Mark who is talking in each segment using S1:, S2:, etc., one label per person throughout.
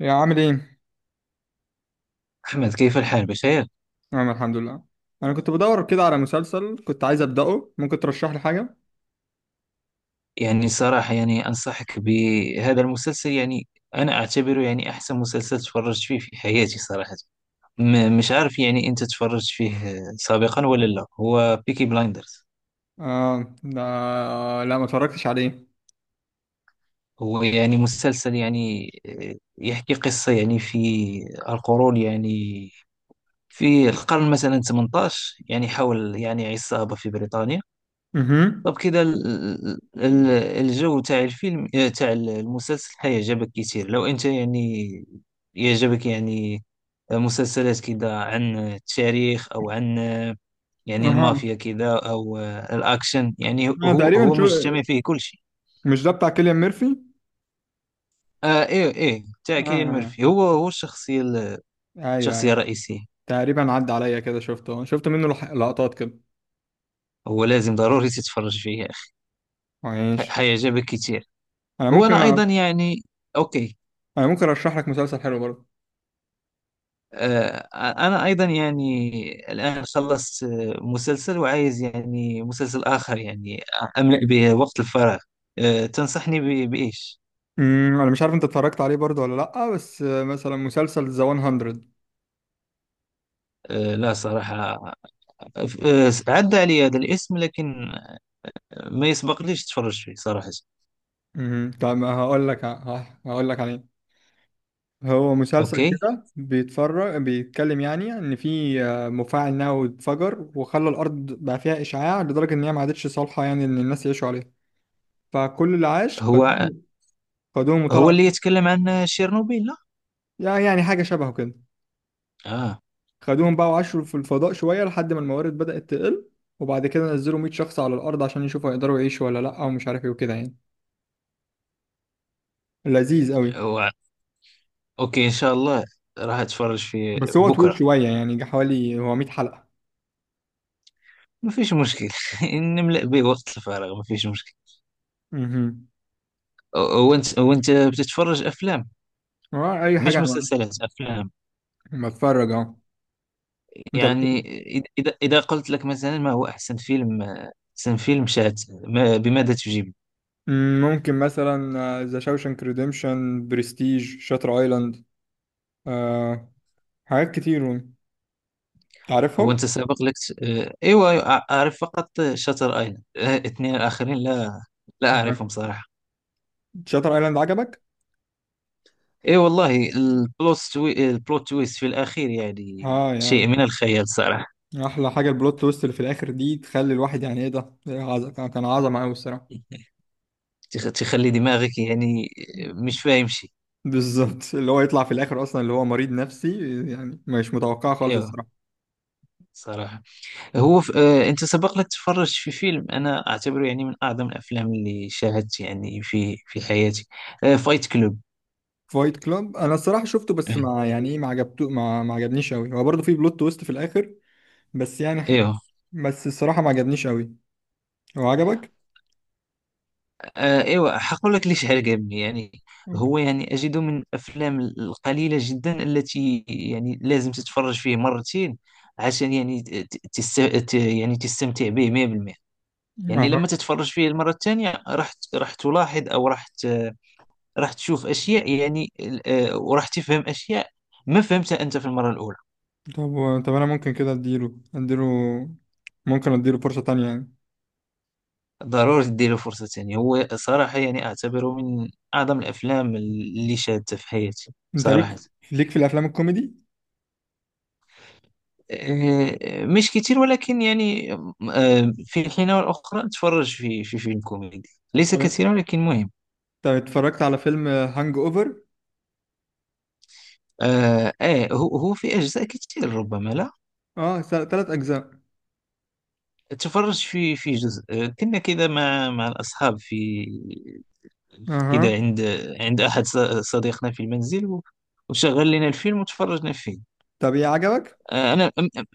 S1: يا عامل ايه؟
S2: أحمد، كيف الحال؟ بخير؟
S1: انا الحمد لله. انا كنت بدور كده على مسلسل كنت عايز ابداه، ممكن ترشح لي حاجه؟
S2: يعني صراحة يعني أنصحك بهذا المسلسل. يعني أنا أعتبره يعني أحسن مسلسل تفرجت فيه في حياتي صراحة. مش عارف يعني أنت تفرجت فيه سابقا ولا لا. هو بيكي بلايندرز.
S1: اه ده، لا ما اتفرجتش عليه.
S2: هو يعني مسلسل يعني يحكي قصة يعني في القرون يعني، في القرن مثلا 18، يعني حول يعني عصابة في بريطانيا.
S1: اها
S2: طب كده الجو تاع الفيلم تاع المسلسل حيعجبك كتير لو انت يعني يعجبك يعني مسلسلات كده عن التاريخ او عن يعني
S1: اها،
S2: المافيا كده او الاكشن. يعني
S1: انا
S2: هو
S1: تقريبا
S2: هو
S1: شو،
S2: مجتمع فيه كل شيء.
S1: مش ده بتاع كيليان ميرفي؟
S2: آه، ايه تاع
S1: اه
S2: كيليان
S1: آه.
S2: ميرفي. هو الشخصية
S1: ايوه
S2: الشخصية
S1: ايوه،
S2: الرئيسية.
S1: تقريبا عدى عليا كده، شفت منه لقطات كده.
S2: هو لازم ضروري تتفرج فيه يا أخي،
S1: ماشي.
S2: حيعجبك كتير.
S1: انا
S2: هو
S1: ممكن
S2: انا ايضا يعني، اوكي.
S1: انا ممكن ارشح لك مسلسل حلو برضه.
S2: أنا أيضا يعني الآن خلصت مسلسل وعايز يعني مسلسل آخر يعني أملأ به وقت الفراغ. تنصحني بإيش؟
S1: انا مش عارف انت اتفرجت عليه برضه ولا لا، بس مثلا مسلسل ذا 100.
S2: لا صراحة، آه، عدى علي هذا الاسم لكن ما يسبق ليش تفرج فيه صراحة.
S1: طب هقول لك عليه. هو مسلسل
S2: أوكي.
S1: كده بيتفرج، بيتكلم يعني ان في مفاعل نووي اتفجر وخلى الارض بقى فيها اشعاع لدرجه ان هي ما عادتش صالحه يعني ان الناس يعيشوا عليها. فكل اللي عاش
S2: هو
S1: خدوهم، خدوهم
S2: هو
S1: وطلعوا.
S2: اللي يتكلم عن شيرنوبيل، لا؟
S1: يعني حاجه شبهه كده.
S2: آه.
S1: خدوهم بقى وعاشوا في الفضاء شويه لحد ما الموارد بدات تقل، وبعد كده نزلوا 100 شخص على الارض عشان يشوفوا يقدروا يعيشوا ولا لا، ومش عارف ايه وكده يعني. لذيذ قوي.
S2: هو أوكي، إن شاء الله راح أتفرج فيه
S1: بس هو طويل
S2: بكرة.
S1: شويه، يعني جه حوالي هو 100 حلقه.
S2: ما فيش مشكل. نملأ به وقت الفراغ، ما فيش مشكل.
S1: امم
S2: وأنت بتتفرج أفلام،
S1: اي
S2: مش
S1: حاجه،
S2: مسلسلات؟ أفلام
S1: انا بتفرج اهو. انت
S2: يعني.
S1: بتحب؟
S2: إذا قلت لك مثلا ما هو أحسن فيلم، أحسن فيلم شات ما، بماذا تجيب؟
S1: مم، ممكن مثلا ذا شاوشانك ريديمشن، برستيج، شاتر ايلاند، آه، حاجات كتير
S2: هو
S1: تعرفهم.
S2: أنت سابق لك؟ آه، أيوة أيوة، أعرف فقط شاتر أيلاند. اثنين الآخرين لا، لا
S1: آه.
S2: أعرفهم صراحة.
S1: شاتر ايلاند عجبك؟
S2: أي أيوة، والله البلوت تويست في الأخير يعني
S1: اه
S2: شيء
S1: يعني،
S2: من الخيال صراحة.
S1: احلى حاجه البلوت تويست اللي في الاخر دي تخلي الواحد يعني ايه ده، إيه، كان عظمه قوي الصراحه.
S2: تخلي دماغك يعني مش فاهم شيء.
S1: بالظبط اللي هو يطلع في الاخر اصلا اللي هو مريض نفسي، يعني مش متوقعه خالص
S2: أيوة.
S1: الصراحه.
S2: صراحة، انت سبق لك تفرجت في فيلم انا اعتبره يعني من اعظم الافلام اللي شاهدت يعني في حياتي؟ فايت كلوب.
S1: فايت كلاب انا الصراحه شفته، بس ما يعني ايه، ما عجبته، ما عجبنيش قوي. هو برضه في بلوت تويست في الاخر، بس يعني،
S2: ايوه.
S1: بس الصراحه ما عجبنيش قوي. هو عجبك؟
S2: ايوه، حقول لك ليش عجبني يعني. هو يعني اجده من الافلام القليله جدا التي يعني لازم تتفرج فيه مرتين عشان يعني يعني تستمتع به 100%. يعني
S1: أها.
S2: لما تتفرج فيه المره الثانيه راح راح تلاحظ، او راح تشوف اشياء يعني وراح تفهم اشياء ما فهمتها انت في المره الاولى.
S1: طب انا ممكن كده اديله ممكن اديله فرصة تانية يعني.
S2: ضروري تديله فرصة تانية. هو صراحة يعني أعتبره من أعظم الأفلام اللي شاهدتها في حياتي
S1: انت
S2: صراحة.
S1: ليك، ليك في الافلام الكوميدي؟
S2: مش كتير ولكن يعني في الحين والأخرى أتفرج في فيلم كوميدي، ليس
S1: تمام.
S2: كثيرا ولكن مهم.
S1: طب اتفرجت على فيلم هانج اوفر؟
S2: آه. هو في أجزاء كتير ربما. لا،
S1: اه، ثلاث اجزاء.
S2: تفرج في جزء كنا كذا مع الأصحاب في كذا،
S1: اها.
S2: عند عند أحد صديقنا في المنزل وشغل لنا الفيلم وتفرجنا فيه.
S1: طب ايه عجبك؟
S2: انا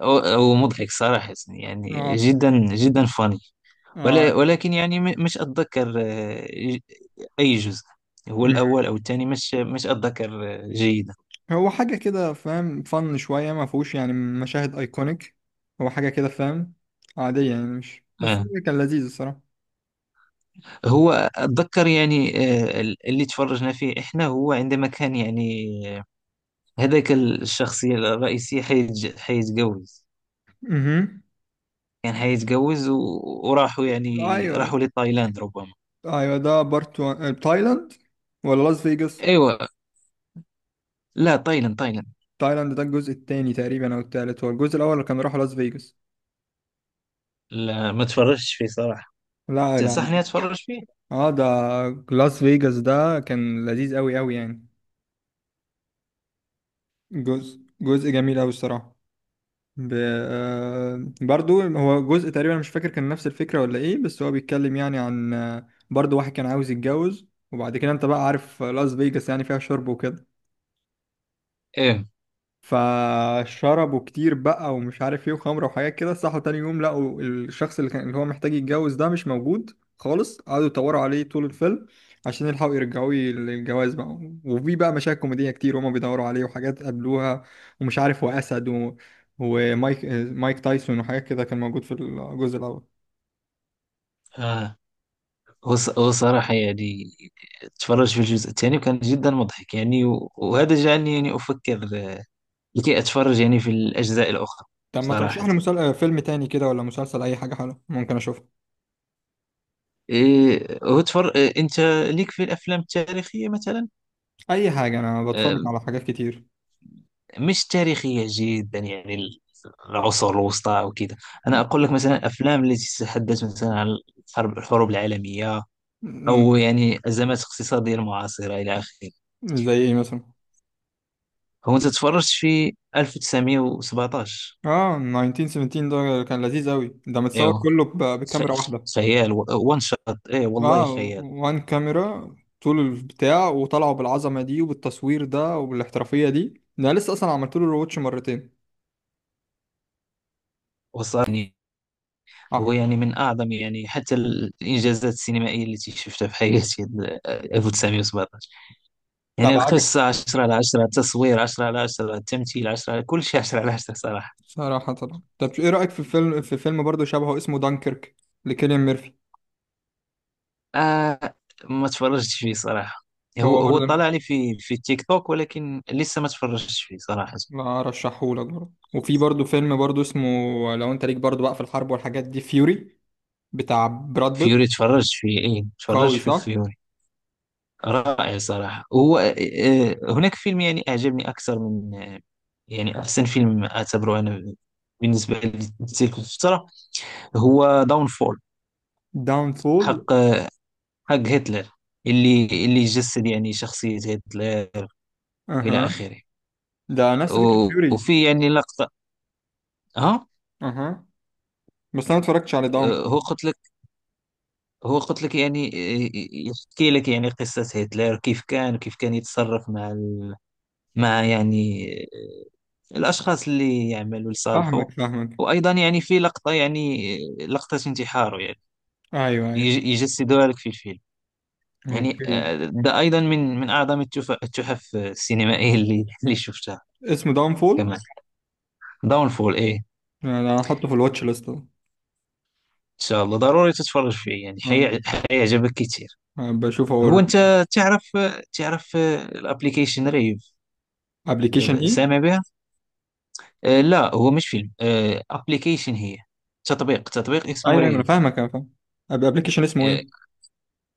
S2: هو مضحك صراحة، يعني
S1: اه،
S2: جدا جدا فاني.
S1: اه.
S2: ولكن يعني مش اتذكر اي جزء. هو
S1: مم.
S2: الاول او الثاني، مش اتذكر جيدا.
S1: هو حاجة كده فاهم، فن شوية، ما فيهوش يعني مشاهد ايكونيك. هو حاجة كده فاهم، عادية يعني، مش بس
S2: آه.
S1: كان لذيذ الصراحة.
S2: هو اتذكر يعني اللي تفرجنا فيه احنا هو عندما كان يعني آه، هذاك الشخصية الرئيسية حيتجوز.
S1: اها.
S2: كان حيتجوز وراحوا يعني
S1: ايوه ايوه،
S2: راحوا لتايلاند ربما.
S1: أيوة، ده بارت واحد. تايلاند ولا لاس فيجاس؟
S2: ايوه. لا، تايلاند تايلاند.
S1: تايلاند ده الجزء التاني تقريبا او التالت، هو الجزء الاول كان راحوا لاس فيجاس.
S2: لا، ما تفرجتش فيه صراحة.
S1: لا لا.
S2: تنصحني اتفرج فيه؟
S1: اه ده، لاس فيجاس ده كان لذيذ قوي قوي يعني. جزء جميل قوي الصراحه. ب... آه، برضو هو جزء تقريبا مش فاكر كان نفس الفكره ولا ايه، بس هو بيتكلم يعني عن برضو واحد كان عاوز يتجوز، وبعد كده انت بقى عارف لاس فيجاس يعني فيها شرب وكده،
S2: ايه.
S1: فشربوا كتير بقى ومش عارف ايه وخمره وحاجات كده، صحوا تاني يوم لقوا الشخص اللي كان اللي هو محتاج يتجوز ده مش موجود خالص، قعدوا يدوروا عليه طول الفيلم عشان يلحقوا يرجعوه للجواز بقى. وفي بقى مشاهد كوميدية كتير وهما بيدوروا عليه، وحاجات قابلوها ومش عارف، وأسد ومايك، مايك تايسون، وحاجات كده كان موجود في الجزء الأول.
S2: آه. هو صراحة يعني اتفرج في الجزء الثاني وكان جدا مضحك يعني، وهذا جعلني يعني افكر لكي اتفرج يعني في الاجزاء الاخرى.
S1: طب ما ترشح
S2: صراحة،
S1: لي فيلم تاني كده ولا مسلسل، أي حاجة حلوة ممكن أشوفها؟
S2: إيه انت ليك في الافلام التاريخية مثلا؟
S1: أي حاجة، أنا بتفرج
S2: آه،
S1: على حاجات كتير.
S2: مش تاريخية جدا يعني العصور الوسطى او كذا. انا
S1: م-
S2: اقول لك مثلا افلام التي تتحدث مثلا عن الحروب العالمية، او
S1: م-
S2: يعني ازمات اقتصادية المعاصرة الى اخره.
S1: زي إيه مثلا؟
S2: هو انت تفرجت في 1917؟
S1: اه 1917، ده كان لذيذ أوي، ده متصور
S2: ايوه.
S1: كله
S2: ف-
S1: بكاميرا واحدة.
S2: خيال. وان شوت، ايه والله
S1: اه
S2: خيال.
S1: وان كاميرا طول البتاع، وطلعوا بالعظمة دي وبالتصوير ده وبالاحترافية دي، ده لسه أصلا عملت له روتش مرتين.
S2: وصلني.
S1: اه
S2: هو يعني من اعظم يعني حتى الانجازات السينمائيه التي شفتها في حياتي، 1917. يعني
S1: طب عجب،
S2: القصه 10 على 10، التصوير 10 على 10، التمثيل 10 على كل شيء، 10 على 10 صراحه.
S1: صراحة طبعا. طب ايه رأيك في فيلم، في فيلم برضه شبهه اسمه دانكيرك لكيليان ميرفي؟
S2: آه، ما تفرجتش فيه صراحه. هو
S1: هو
S2: هو
S1: برضه،
S2: طلع لي في تيك توك، ولكن لسه ما تفرجتش فيه صراحه.
S1: لا رشحهولك برضه. وفي برضه فيلم برضه اسمه، لو انت ليك برضه بقى في الحرب والحاجات دي، فيوري بتاع براد
S2: فيوري؟
S1: بيت.
S2: تفرجت فيه، ايه
S1: قوي
S2: تفرجت في
S1: صح؟
S2: فيوري. رائع صراحة. هو هناك فيلم يعني أعجبني أكثر من يعني أحسن فيلم أعتبره أنا بالنسبة لتلك الفترة، هو داون فول.
S1: داون فول؟
S2: حق، حق هتلر، اللي جسد يعني شخصية هتلر وإلى آخره.
S1: ده نفس فكرة فيوري.
S2: وفي يعني لقطة، ها.
S1: اها. بس انا ما اتفرجتش على داون
S2: آه، هو
S1: فول.
S2: قلت لك هو قلت لك يعني يحكي لك يعني قصة هتلر، كيف كان يتصرف مع مع يعني الأشخاص اللي يعملوا لصالحه.
S1: فاهمك فاهمك.
S2: وأيضا يعني في لقطة يعني لقطة انتحاره يعني
S1: ايوه ايوه.
S2: يجسدوها لك في الفيلم. يعني
S1: اوكي.
S2: ده أيضا من أعظم التحف السينمائية اللي شفتها
S1: اسمه داون فول،
S2: كمان. داونفول. إيه، إن
S1: انا هحطه في الواتش ليست أهو.
S2: شاء الله ضروري تتفرج فيه يعني
S1: أنا-
S2: حيعجبك كتير.
S1: أنا بشوف
S2: هو
S1: هو.
S2: أنت تعرف، الابليكيشن ريف؟
S1: ابلكيشن ايه؟
S2: سامع بها؟ لا هو مش فيلم. ابليكيشن، هي تطبيق، اسمه
S1: ايوه ايوه، انا
S2: ريف.
S1: فاهمك انا فاهم. ابلكيشن اسمه ايه؟
S2: آه،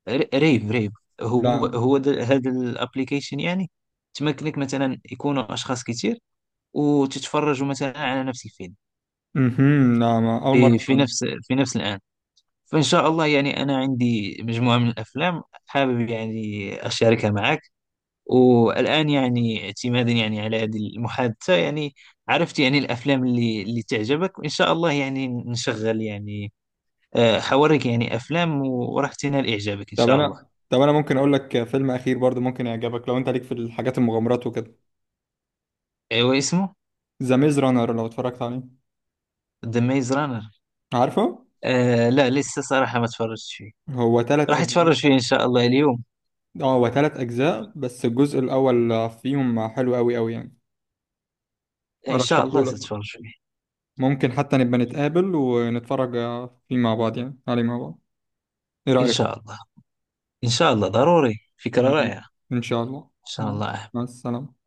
S2: ريب، ريب. هو
S1: لا.
S2: هو هذا الابليكيشن يعني تمكنك مثلا يكونوا اشخاص كتير وتتفرجوا مثلا على نفس الفيلم
S1: لا، ما اول مرة
S2: في
S1: أسمع
S2: في
S1: عنه.
S2: نفس، في نفس الان. فان شاء الله يعني انا عندي مجموعه من الافلام، حابب يعني اشاركها معك. والان يعني اعتمادا يعني على هذه المحادثه يعني عرفت يعني الافلام اللي تعجبك، وان شاء الله يعني نشغل يعني حوريك يعني افلام وراح تنال اعجابك ان
S1: طب
S2: شاء الله.
S1: انا طب انا ممكن اقول لك فيلم اخير برضو ممكن يعجبك لو انت ليك في الحاجات المغامرات وكده،
S2: ايوا، اسمه؟
S1: ذا ميز رانر، لو اتفرجت عليه؟
S2: ذا ميز رانر؟
S1: عارفه؟
S2: آه لا، لسه صراحة ما تفرجت فيه.
S1: هو ثلاث
S2: راح
S1: اجزاء.
S2: اتفرج فيه ان شاء الله اليوم.
S1: اه هو تلات أجزاء، بس الجزء الأول فيهم حلو أوي أوي يعني،
S2: ان شاء الله
S1: أرشحهولك.
S2: ستفرج فيه.
S1: ممكن حتى نبقى نتقابل ونتفرج فيه مع بعض، يعني عليه مع بعض. إيه
S2: ان
S1: رأيك؟
S2: شاء الله، ان شاء الله، ضروري، فكرة رائعة ان
S1: يعني إن شاء الله.
S2: شاء
S1: مع
S2: الله.
S1: مع السلامة.